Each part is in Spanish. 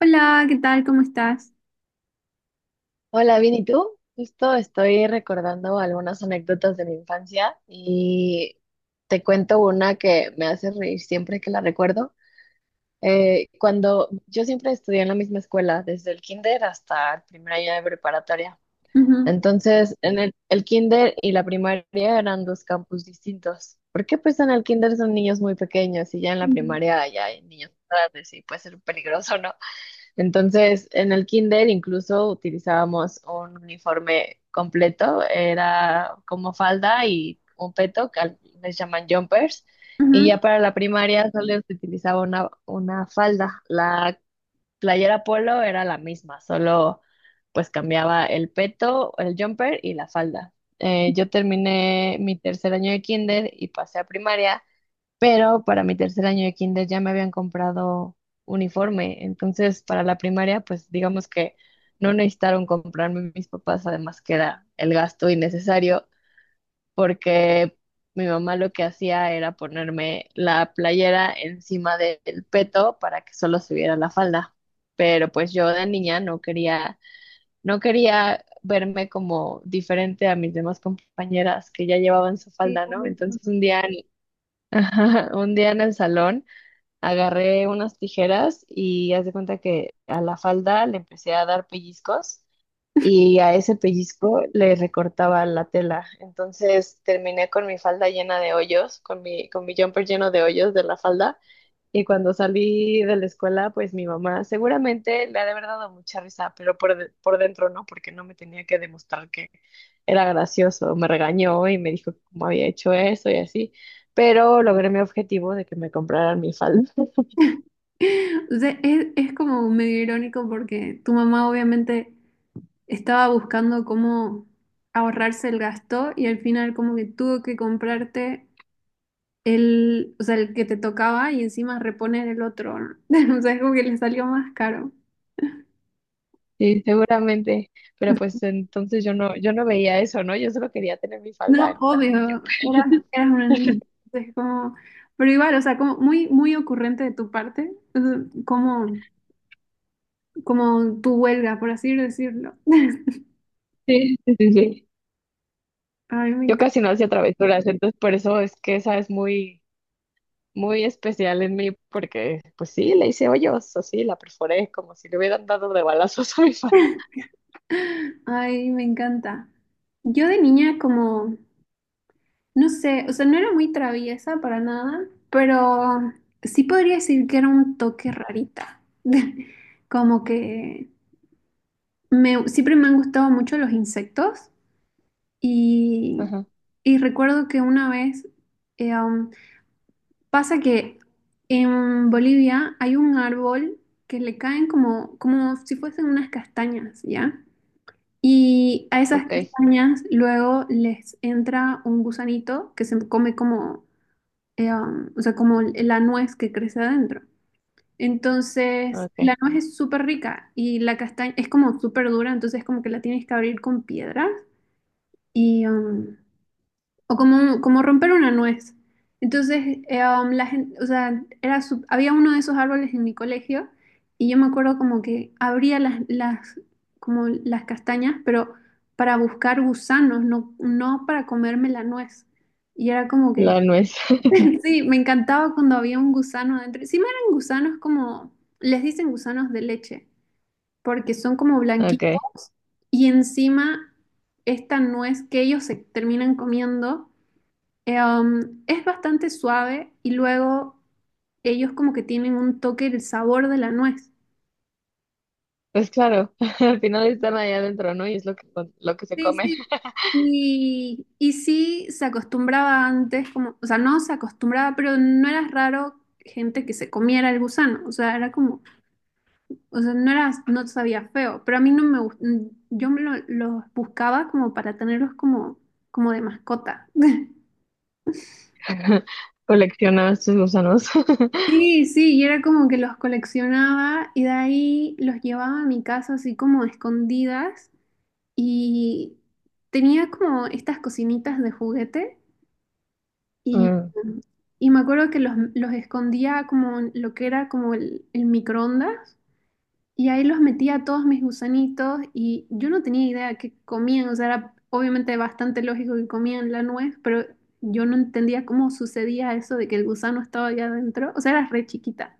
Hola, ¿qué tal? ¿Cómo estás? Hola, bien, ¿y tú? Justo estoy recordando algunas anécdotas de mi infancia y te cuento una que me hace reír siempre que la recuerdo. Cuando yo siempre estudié en la misma escuela, desde el kinder hasta el primer año de preparatoria. Ujú. Entonces, en el kinder y la primaria eran dos campus distintos. Porque pues en el kinder son niños muy pequeños y ya en la Mm, primaria ya hay niños grandes y puede ser peligroso, ¿no? Entonces, en el kinder incluso utilizábamos un uniforme completo, era como falda y un peto, que les llaman jumpers, y ujú. ya para la primaria solo se utilizaba una falda. La playera polo era la misma, solo pues cambiaba el peto, el jumper y la falda. Yo terminé mi tercer año de kinder y pasé a primaria. Pero para mi tercer año de kinder ya me habían comprado uniforme. Entonces, para la primaria, pues digamos que no necesitaron comprarme mis papás, además que era el gasto innecesario, porque mi mamá lo que hacía era ponerme la playera encima del peto para que solo se viera la falda. Pero pues yo de niña no quería, no quería verme como diferente a mis demás compañeras que ya llevaban su Sí, falda, lo ¿no? mismo. Entonces ajá, un día en el salón agarré unas tijeras y haz de cuenta que a la falda le empecé a dar pellizcos y a ese pellizco le recortaba la tela. Entonces terminé con mi falda llena de hoyos, con mi jumper lleno de hoyos de la falda. Y cuando salí de la escuela, pues mi mamá seguramente le ha de haber dado mucha risa, pero por dentro no, porque no me tenía que demostrar que era gracioso. Me regañó y me dijo cómo había hecho eso y así. Pero logré mi objetivo de que me compraran mi falda. O sea, es como medio irónico porque tu mamá obviamente estaba buscando cómo ahorrarse el gasto y al final como que tuvo que comprarte el, o sea, el que te tocaba y encima reponer el otro, ¿no? O sea, es como que le salió más caro. Sí, seguramente, pero pues entonces yo no veía eso, ¿no? Yo solo quería tener mi falda No, en lugar de obvio, mi jumper. eras una niña, entonces como, pero igual, o sea, como muy, muy ocurrente de tu parte, o sea, como... como tu huelga, por así decirlo. Sí, sí, sí, sí. Ay, me Yo encanta. casi no hacía travesuras, entonces por eso es que esa es muy, muy especial en mí, porque pues sí, le hice hoyos, así, la perforé, como si le hubieran dado de balazos a mi falda. Ay, me encanta. Yo de niña como, no sé, o sea, no era muy traviesa para nada, pero sí podría decir que era un toque rarita. Como que me, siempre me han gustado mucho los insectos y, Ajá, y recuerdo que una vez, eh, um, pasa que en Bolivia hay un árbol que le caen como, como si fuesen unas castañas, ¿ya? Y a esas ok, castañas luego les entra un gusanito que se come como, o sea, como la nuez que crece adentro. Entonces, ok, la nuez es súper rica y la castaña es como súper dura, entonces como que la tienes que abrir con piedras y, o como, como romper una nuez. Entonces, la gente, o sea, era su- había uno de esos árboles en mi colegio y yo me acuerdo como que abría las como las castañas, pero para buscar gusanos, no, no para comerme la nuez. Y era como que, la nuez, sí, me encantaba cuando había un gusano adentro. Sí, me eran gusanos como, les dicen gusanos de leche, porque son como blanquitos ok. y encima esta nuez que ellos se terminan comiendo. Es bastante suave y luego ellos como que tienen un toque del sabor de la nuez. Pues claro, al final están allá adentro, ¿no? Y es lo que se Sí, comen. sí. Y sí se acostumbraba antes, como, o sea, no se acostumbraba, pero no era raro gente que se comiera el gusano. O sea, era como, o sea, no era, no sabía feo, pero a mí no me gustó, yo me lo- los buscaba como para tenerlos como, como de mascota. Colecciona sus gusanos. Sí, sí, y era como que los coleccionaba y de ahí los llevaba a mi casa así como escondidas y tenía como estas cocinitas de juguete y, Mm. y me acuerdo que los escondía como en lo que era como el microondas y ahí los metía a todos mis gusanitos y yo no tenía idea qué comían, o sea, era obviamente bastante lógico que comían la nuez, pero yo no entendía cómo sucedía eso de que el gusano estaba allá adentro, o sea, era re chiquita.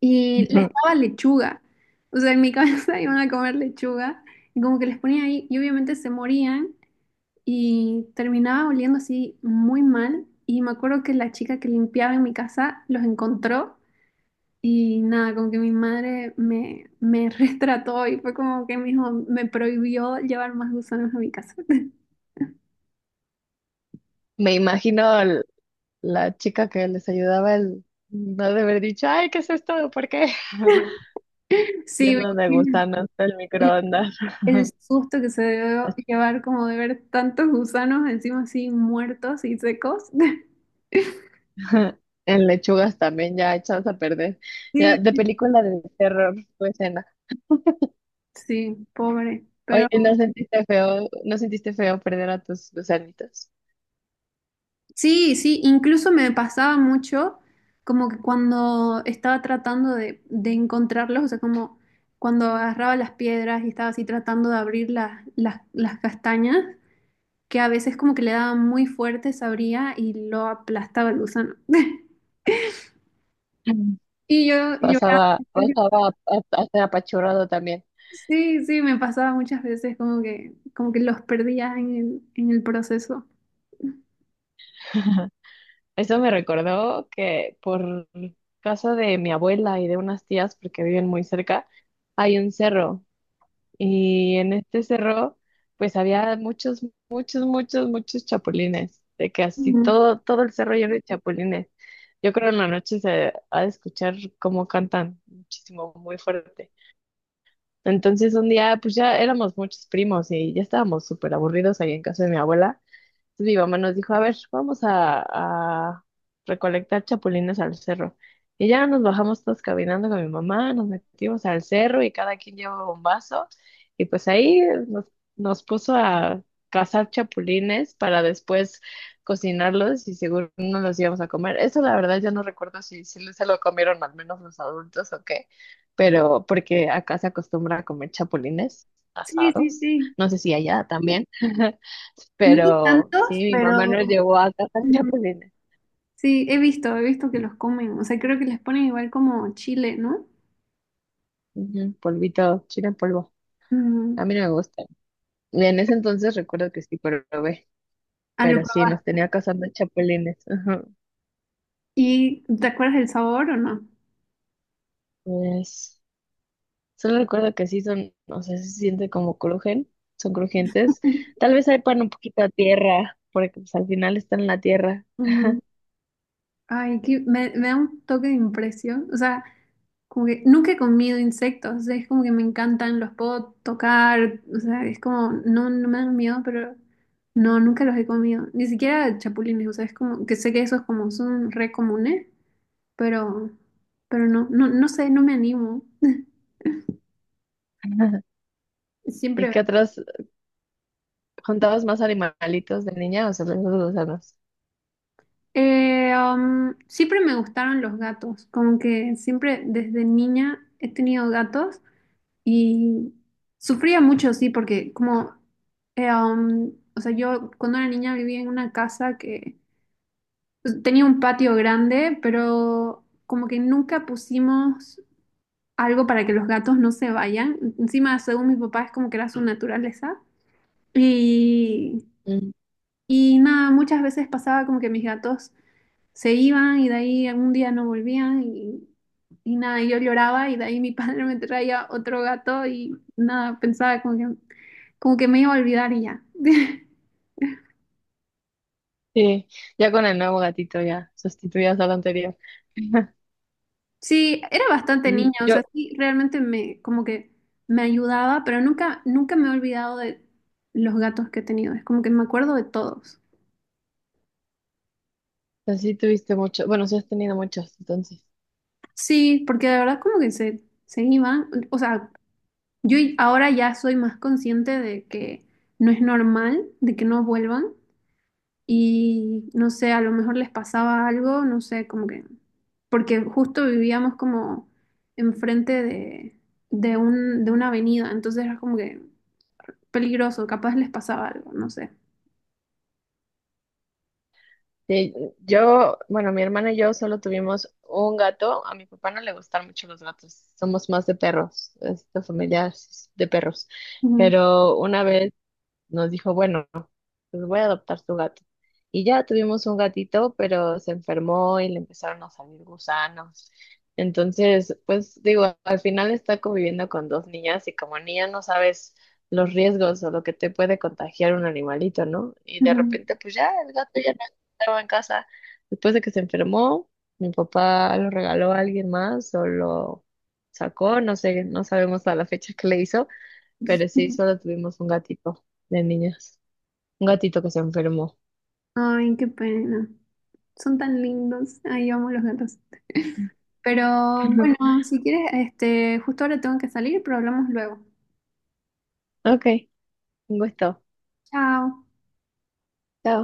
Y les daba lechuga. O sea, en mi cabeza iban a comer lechuga y como que les ponía ahí y obviamente se morían y terminaba oliendo así muy mal. Y me acuerdo que la chica que limpiaba en mi casa los encontró y nada, como que mi madre me, me retrató y fue como que me dijo me prohibió llevar más gusanos a mi casa. Me imagino la chica que les ayudaba el no de haber dicho, ay, ¿qué es esto? ¿Por qué? Sí, me Lleno de imagino gusanos el el, microondas. el susto que se debió llevar como de ver tantos gusanos encima así muertos y secos. En lechugas también ya echadas a perder. Ya, Sí. de película de terror, tu escena. Sí, pobre. Oye, Pero ¿no sentiste feo, no sentiste feo perder a tus gusanitos? sí, sí, incluso me pasaba mucho como que cuando estaba tratando de encontrarlos, o sea, como cuando agarraba las piedras y estaba así tratando de abrir las castañas, que a veces como que le daba muy fuerte, se abría y lo aplastaba el gusano. Mm. Y yo lloraba. Pasaba, Porque... pasaba a ser apachurrado también. Sí, sí, me pasaba muchas veces como que los perdía en el proceso. Eso me recordó que por casa de mi abuela y de unas tías, porque viven muy cerca, hay un cerro. Y en este cerro, pues había muchos, muchos, muchos, muchos chapulines. De que así Ujú. todo, todo el cerro lleno de chapulines. Yo creo en la noche se ha de escuchar cómo cantan muchísimo, muy fuerte. Entonces un día, pues ya éramos muchos primos y ya estábamos súper aburridos ahí en casa de mi abuela. Entonces mi mamá nos dijo, a ver, vamos a recolectar chapulines al cerro. Y ya nos bajamos todos caminando con mi mamá, nos metimos al cerro y cada quien llevaba un vaso. Y pues ahí nos, nos puso a cazar chapulines para después cocinarlos y seguro no los íbamos a comer. Eso la verdad yo no recuerdo si, si se lo comieron al menos los adultos o qué, pero porque acá se acostumbra a comer chapulines Sí, sí, asados. sí. No sé si allá también. No Pero sí, tantos, mi mamá nos pero... llevó a cazar chapulines. Sí, he visto que los comen. O sea, creo que les ponen igual como chile, ¿no? Ujú, polvito, chile en polvo. Ujú. A mí no me gusta. Y en ese entonces recuerdo que sí probé, Ah, lo pero sí, probar. nos tenía cazando chapulines. Ajá. ¿Y te acuerdas del sabor o no? Pues solo recuerdo que sí son, o sea, sí se siente como crujen, son crujientes. Tal vez hay pan un poquito a tierra, porque pues, al final están en la tierra. Ujú. Ay, que me da un toque de impresión. O sea, como que nunca he comido insectos. O sea, es como que me encantan, los puedo tocar. O sea, es como, no, no me dan miedo, pero no, nunca los he comido. Ni siquiera chapulines. O sea, es como que sé que esos como son re comunes, pero, pero no, no, no sé, no me animo. ¿Y Siempre qué otros? ¿Contabas más animalitos de niña o solo esos dos? Siempre me gustaron los gatos, como que siempre desde niña he tenido gatos y sufría mucho, sí, porque como, o sea, yo cuando era niña vivía en una casa que pues, tenía un patio grande, pero como que nunca pusimos algo para que los gatos no se vayan. Encima, según mi papá, es como que era su naturaleza. Y, Mm, y nada, muchas veces pasaba como que mis gatos... se iban y de ahí algún día no volvían y nada, yo lloraba y de ahí mi padre me traía otro gato y nada, pensaba como que me iba a olvidar y ya. sí, ya con el nuevo gatito ya sustituías al anterior. Sí, era bastante Mm, niña, o yo, sea, sí, realmente me, como que me ayudaba, pero nunca, nunca me he olvidado de los gatos que he tenido, es como que me acuerdo de todos. así tuviste mucho, bueno, sí has tenido muchos, entonces. Sí, porque de verdad como que se iban, o sea, yo ahora ya soy más consciente de que no es normal, de que no vuelvan, y no sé, a lo mejor les pasaba algo, no sé, como que, porque justo vivíamos como enfrente de un, de una avenida, entonces era como que peligroso, capaz les pasaba algo, no sé. Sí, yo, bueno, mi hermana y yo solo tuvimos un gato. A mi papá no le gustan mucho los gatos. Somos más de perros. Esta familia es de perros. Ujú. Pero una vez nos dijo, bueno, pues voy a adoptar su gato. Y ya tuvimos un gatito, pero se enfermó y le empezaron a salir gusanos. Entonces, pues digo, al final está conviviendo con dos niñas y como niña no sabes los riesgos o lo que te puede contagiar un animalito, ¿no? Y de repente, pues ya el gato ya no estaba en casa. Después de que se enfermó, mi papá lo regaló a alguien más o lo sacó, no sé, no sabemos a la fecha que le hizo, pero sí, Ujú. solo tuvimos un gatito de niñas. Un gatito que se enfermó. Ay, qué pena. Son tan lindos. Ay, amo los gatos. Pero bueno, si quieres, este, justo ahora tengo que salir, pero hablamos luego. Ok, un gusto. Chao. Chao.